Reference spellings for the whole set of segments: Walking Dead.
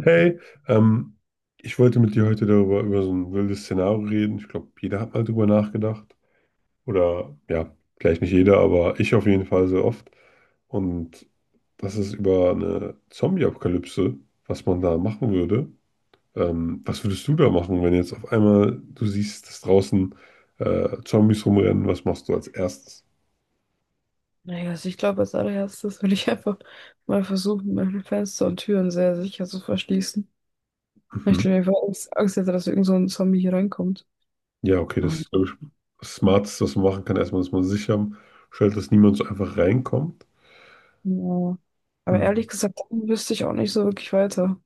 Hey, ähm, ich wollte mit dir heute darüber über so ein wildes Szenario reden. Ich glaube, jeder hat mal drüber nachgedacht. Oder ja, vielleicht nicht jeder, aber ich auf jeden Fall sehr oft. Und das ist über eine Zombie-Apokalypse, was man da machen würde. Was würdest du da machen, wenn jetzt auf einmal du siehst, dass draußen Zombies rumrennen? Was machst du als erstes? Naja, also ich glaube, als allererstes würde ich einfach mal versuchen, meine Fenster und Türen sehr sicher zu verschließen. Ich Mhm. glaube, ich war Angst hätte, dass irgend so ein Zombie hier reinkommt. Ja, okay, das Und, ist, glaube ich, das Smarteste, was man machen kann. Erstmal, dass man sicher stellt, dass niemand so einfach reinkommt. ja. Aber Mhm. ehrlich gesagt, dann wüsste ich auch nicht so wirklich weiter.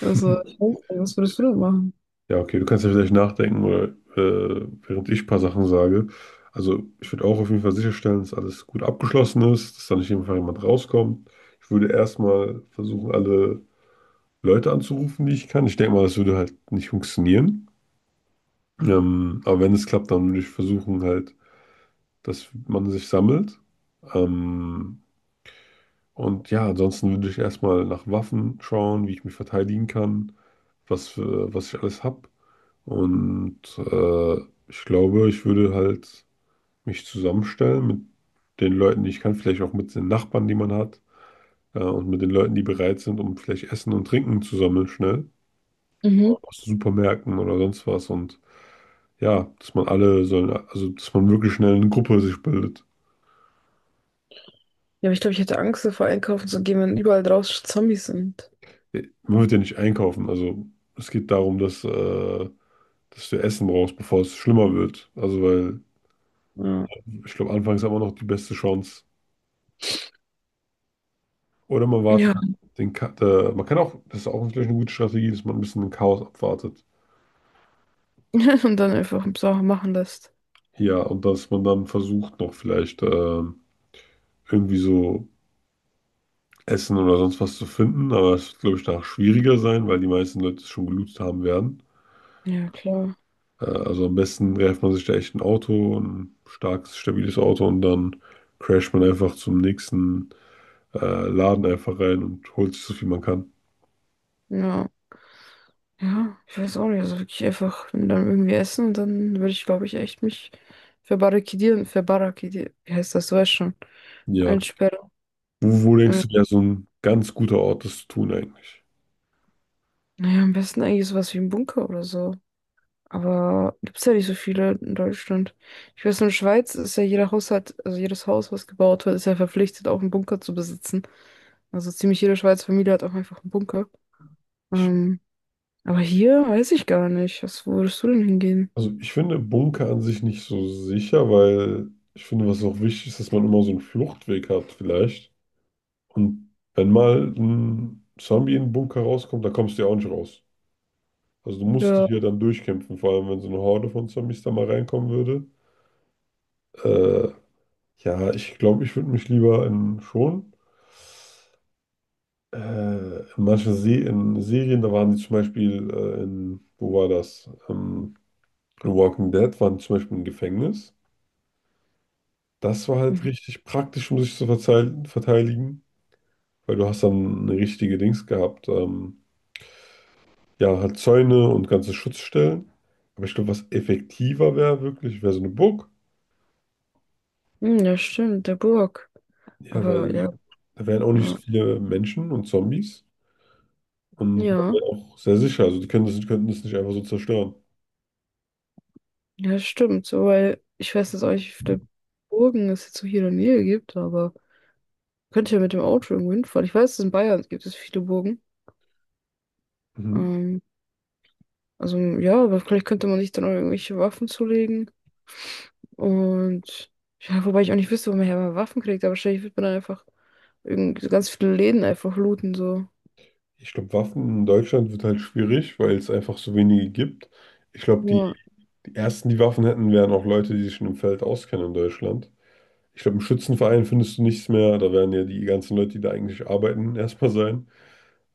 Also, ich weiß nicht, was würdest du denn machen? Ja, okay, du kannst ja vielleicht nachdenken oder während ich ein paar Sachen sage. Also ich würde auch auf jeden Fall sicherstellen, dass alles gut abgeschlossen ist, dass da nicht einfach jemand rauskommt. Ich würde erstmal versuchen, alle Leute anzurufen, die ich kann. Ich denke mal, das würde halt nicht funktionieren. Aber wenn es klappt, dann würde ich versuchen halt, dass man sich sammelt. Ähm, und ja, ansonsten würde ich erstmal nach Waffen schauen, wie ich mich verteidigen kann, was ich alles habe. Und ich glaube, ich würde halt mich zusammenstellen mit den Leuten, die ich kann, vielleicht auch mit den Nachbarn, die man hat, und mit den Leuten, die bereit sind, um vielleicht Essen und Trinken zu sammeln, schnell, Mhm. aus Supermärkten oder sonst was. Und ja, dass man alle sollen, also dass man wirklich schnell eine Gruppe sich bildet. Ja, aber ich glaube, ich hätte Angst davor, einkaufen zu gehen, wenn überall draußen Zombies sind. Man wird ja nicht einkaufen, also es geht darum, dass, dass du Essen brauchst, bevor es schlimmer wird. Also, weil Ja. ich glaube, anfangs haben wir noch die beste Chance. Oder man wartet Ja. den Ka man kann auch, das ist auch vielleicht eine gute Strategie, dass man ein bisschen den Chaos abwartet. Und dann einfach Sachen machen lässt. Ja, und dass man dann versucht, noch vielleicht irgendwie so Essen oder sonst was zu finden. Aber es wird, glaube ich, danach schwieriger sein, weil die meisten Leute es schon gelootet haben werden. Ja, klar. Also am besten greift man sich da echt ein Auto, ein starkes, stabiles Auto und dann crasht man einfach zum nächsten äh, Laden einfach rein und holt sich so viel man kann. Ja. Ja, ich weiß auch nicht. Also wirklich einfach dann irgendwie essen und dann würde ich, glaube ich, echt mich verbarrikadieren. Wie heißt das? Du weißt schon. Ja. Einsperren. Wo, wo denkst Ähm, du, wäre so ein ganz guter Ort, das zu tun eigentlich? naja, am besten eigentlich sowas wie ein Bunker oder so. Aber gibt's ja nicht so viele in Deutschland. Ich weiß, in der Schweiz ist ja jeder Haushalt, also jedes Haus, was gebaut wird, ist ja verpflichtet, auch einen Bunker zu besitzen. Also ziemlich jede Schweizer Familie hat auch einfach einen Bunker. Ich Ähm, aber hier weiß ich gar nicht. Was, wo würdest du denn hingehen? Also ich finde Bunker an sich nicht so sicher, weil ich finde, was auch wichtig ist, dass man immer so einen Fluchtweg hat vielleicht. Und wenn mal ein Zombie in den Bunker rauskommt, dann kommst du ja auch nicht raus. Also du musst dich Ja. ja dann durchkämpfen, vor allem wenn so eine Horde von Zombies da mal reinkommen würde. Äh, ja, ich glaube, ich würde mich lieber in schon. In manchen Se in Serien, da waren die zum Beispiel in, wo war das? In Walking Dead waren die zum Beispiel im Gefängnis. Das war halt Mhm. richtig praktisch, um sich zu verteidigen, weil du hast dann eine richtige Dings gehabt. Ja, halt Zäune und ganze Schutzstellen. Aber ich glaube, was effektiver wäre wirklich, wäre so eine Burg. Hm, ja, stimmt, der Burg. Ja, Aber weil ja, da wären auch nicht so ja, viele Menschen und Zombies. Und man ja, wäre auch sehr sicher. Also die können das, die könnten das nicht einfach so zerstören. ja, stimmt. So, weil ich weiß jetzt auch nicht, wie viele Burgen es jetzt so hier in der Nähe gibt, aber könnte ja mit dem Auto irgendwo hinfahren. Ich weiß, dass in Bayern gibt es viele Burgen. Mhm. Ähm, also ja, aber vielleicht könnte man sich dann auch irgendwelche Waffen zulegen. Und ja, wobei ich auch nicht wüsste, wo man her mal Waffen kriegt, aber wahrscheinlich wird man dann einfach irgend ganz viele Läden einfach looten, so. Ich glaube, Waffen in Deutschland wird halt schwierig, weil es einfach so wenige gibt. Ich glaube, Ja, die ersten, die Waffen hätten, wären auch Leute, die sich schon im Feld auskennen in Deutschland. Ich glaube, im Schützenverein findest du nichts mehr. Da werden ja die ganzen Leute, die da eigentlich arbeiten, erstmal sein.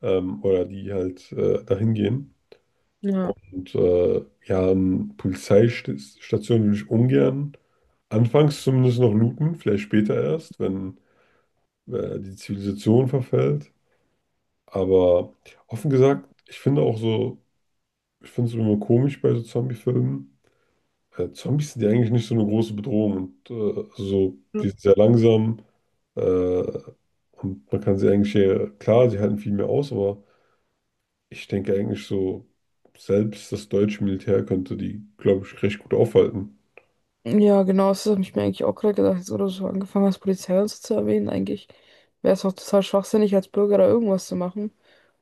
Oder die halt dahin gehen. ja. Und ja, an Polizeistationen würde ich ungern. Anfangs zumindest noch looten, vielleicht später erst, wenn die Zivilisation verfällt. Aber offen gesagt, ich finde auch so, ich finde es immer komisch bei so Zombie-Filmen. Zombies sind ja eigentlich nicht so eine große Bedrohung und also so, die sind sehr langsam äh, und man kann sie eigentlich, klar, sie halten viel mehr aus, aber ich denke eigentlich so, selbst das deutsche Militär könnte die, glaube ich, recht gut aufhalten. Ja, genau, das habe ich mir eigentlich auch gerade gedacht, jetzt wo du so angefangen hast, Polizei und so zu erwähnen. Eigentlich wäre es auch total schwachsinnig, als Bürger da irgendwas zu machen,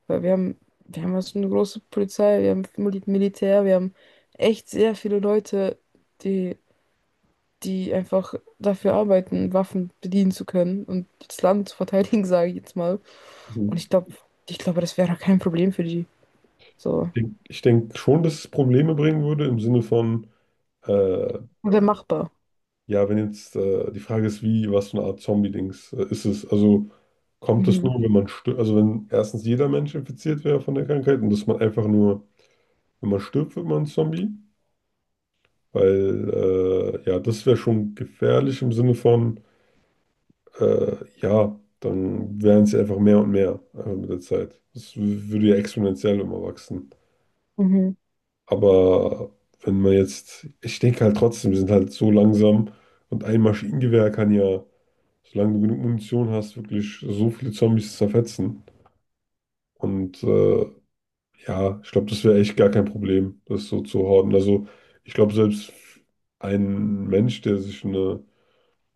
weil wir haben also eine große Polizei, wir haben Mil- Militär, wir haben echt sehr viele Leute, die, die einfach dafür arbeiten, Waffen bedienen zu können und das Land zu verteidigen, sage ich jetzt mal. Und Mhm. ich glaube, das wäre doch kein Problem für die. So, Ich denk schon, dass es Probleme bringen würde im Sinne von, äh, wäre machbar. ja, wenn jetzt die Frage ist, wie, was für eine Art Zombie-Dings ist es? Also kommt das Mhm. nur, wenn man stirbt, also wenn erstens jeder Mensch infiziert wäre von der Krankheit und dass man einfach nur wenn man stirbt, wird man ein Zombie. Weil, ja, das wäre schon gefährlich im Sinne von, äh, ja, dann wären es ja einfach mehr und mehr einfach mit der Zeit. Würde ja exponentiell immer wachsen. Mhm. Aber wenn man jetzt, ich denke halt trotzdem, wir sind halt so langsam und ein Maschinengewehr kann ja, solange du genug Munition hast, wirklich so viele Zombies zerfetzen. Und ja, ich glaube, das wäre echt gar kein Problem, das so zu horten. Also ich glaube, selbst ein Mensch,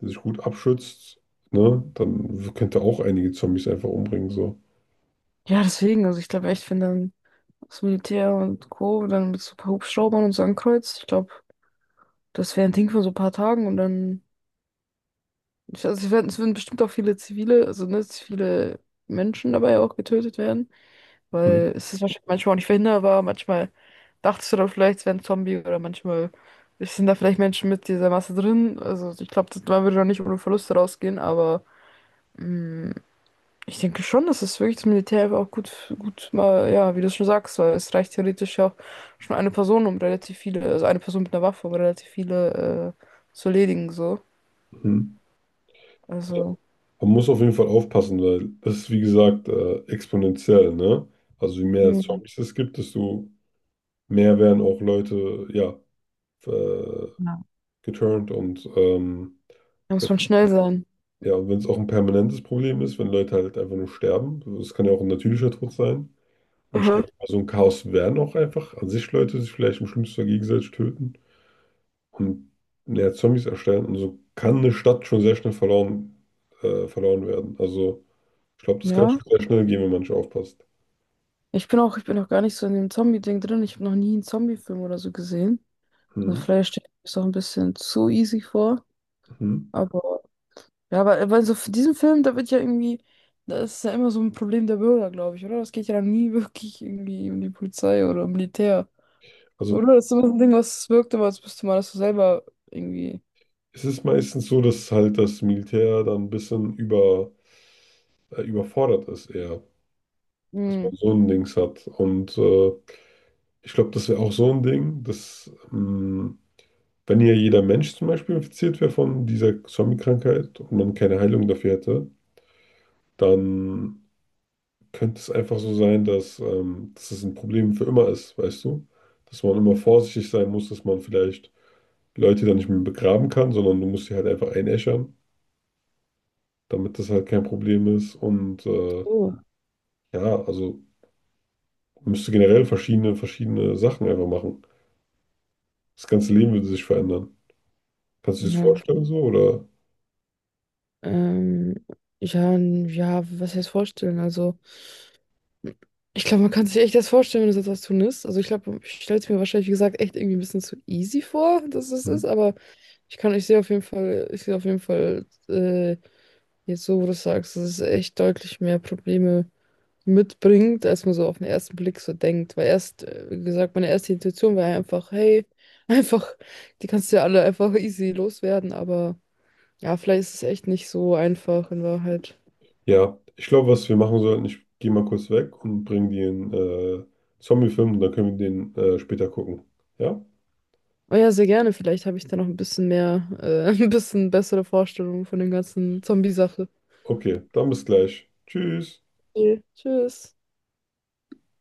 der sich gut abschützt, ne, dann könnte auch einige Zombies einfach umbringen. So. Ja, deswegen, also ich glaube echt, wenn dann das Militär und Co. dann mit so ein paar Hubschraubern und so ein Kreuz. Ich glaube, das wäre ein Ding von so ein paar Tagen und dann. Ich, also es würden bestimmt auch viele zivile, also ne, viele Menschen dabei auch getötet werden. Mhm. Weil es ist wahrscheinlich manchmal auch nicht verhinderbar. Manchmal dachtest du da vielleicht, es wäre ein Zombie oder manchmal sind da vielleicht Menschen mit dieser Masse drin. Also ich glaube, man würde doch nicht ohne Verluste rausgehen, aber. Mm. Ich denke schon, dass es wirklich das Militär auch gut, gut mal, ja, wie du schon sagst, weil es reicht theoretisch ja auch schon eine Person, um relativ viele, also eine Person mit einer Waffe, um relativ viele zu erledigen, so. Mhm. Ja. Also, Man muss auf jeden Fall aufpassen, weil das ist, wie gesagt, exponentiell, ne? Also je mehr hm, Zombies es gibt, desto mehr werden auch Leute, ja, äh, ja. geturnt und Da muss wenn- man schnell sein. ja, und wenn es auch ein permanentes Problem ist, wenn Leute halt einfach nur sterben, das kann ja auch ein natürlicher Tod sein. Und Mhm. stell dir mal, so ein Chaos werden auch einfach an sich Leute sich vielleicht im schlimmsten Fall gegenseitig töten und ja, Zombies erstellen. Und so kann eine Stadt schon sehr schnell verloren werden. Also ich glaube, das kann Ja, schon sehr schnell gehen, wenn man nicht aufpasst. ich bin auch gar nicht so in dem Zombie-Ding drin. Ich habe noch nie einen Zombie-Film oder so gesehen. Also Hm, vielleicht stelle ich mir das auch ein bisschen zu easy vor, hm. aber ja, aber bei so f- diesem Film, da wird ja irgendwie, das ist ja immer so ein Problem der Bürger, glaube ich, oder? Das geht ja dann nie wirklich irgendwie um die Polizei oder um Militär. Also Oder? Das ist immer so ein Ding, was wirkt, aber als müsste man das so selber irgendwie. es ist meistens so, dass halt das Militär dann ein bisschen überfordert ist eher, dass man Hm. so ein Dings hat. Und ich glaube, das wäre auch so ein Ding, dass... mh, wenn hier jeder Mensch zum Beispiel infiziert wäre von dieser Zombie-Krankheit und man keine Heilung dafür hätte, dann könnte es einfach so sein, dass, dass es ein Problem für immer ist, weißt du? Dass man immer vorsichtig sein muss, dass man vielleicht Leute dann nicht mehr begraben kann, sondern du musst sie halt einfach einäschern, damit das halt kein Problem ist. Und So. ja, also man müsste generell verschiedene Sachen einfach machen. Das ganze Leben würde sich verändern. Kannst du dir das Ja, vorstellen so oder? ähm, ja, n- ja, was heißt vorstellen? Also, ich glaube, man kann sich echt das vorstellen, wenn es etwas tun ist. Also, ich glaube, ich stelle es mir wahrscheinlich, wie gesagt, echt irgendwie ein bisschen zu easy vor, dass es ist, Hm. aber ich kann, ich sehe auf jeden Fall, ich sehe auf jeden Fall jetzt, so wo du sagst, dass es echt deutlich mehr Probleme mitbringt, als man so auf den ersten Blick so denkt. Weil erst, wie gesagt, meine erste Intuition war einfach, hey, einfach, die kannst du ja alle einfach easy loswerden, aber ja, vielleicht ist es echt nicht so einfach in Wahrheit. Ja, ich glaube, was wir machen sollten, ich gehe mal kurz weg und bringe den Zombie-Film und dann können wir den später gucken. Ja? Oh ja, sehr gerne. Vielleicht habe ich da noch ein bisschen mehr, ein bisschen bessere Vorstellungen von dem ganzen Zombie-Sache. Okay, dann bis gleich. Tschüss. Okay, Tschüss.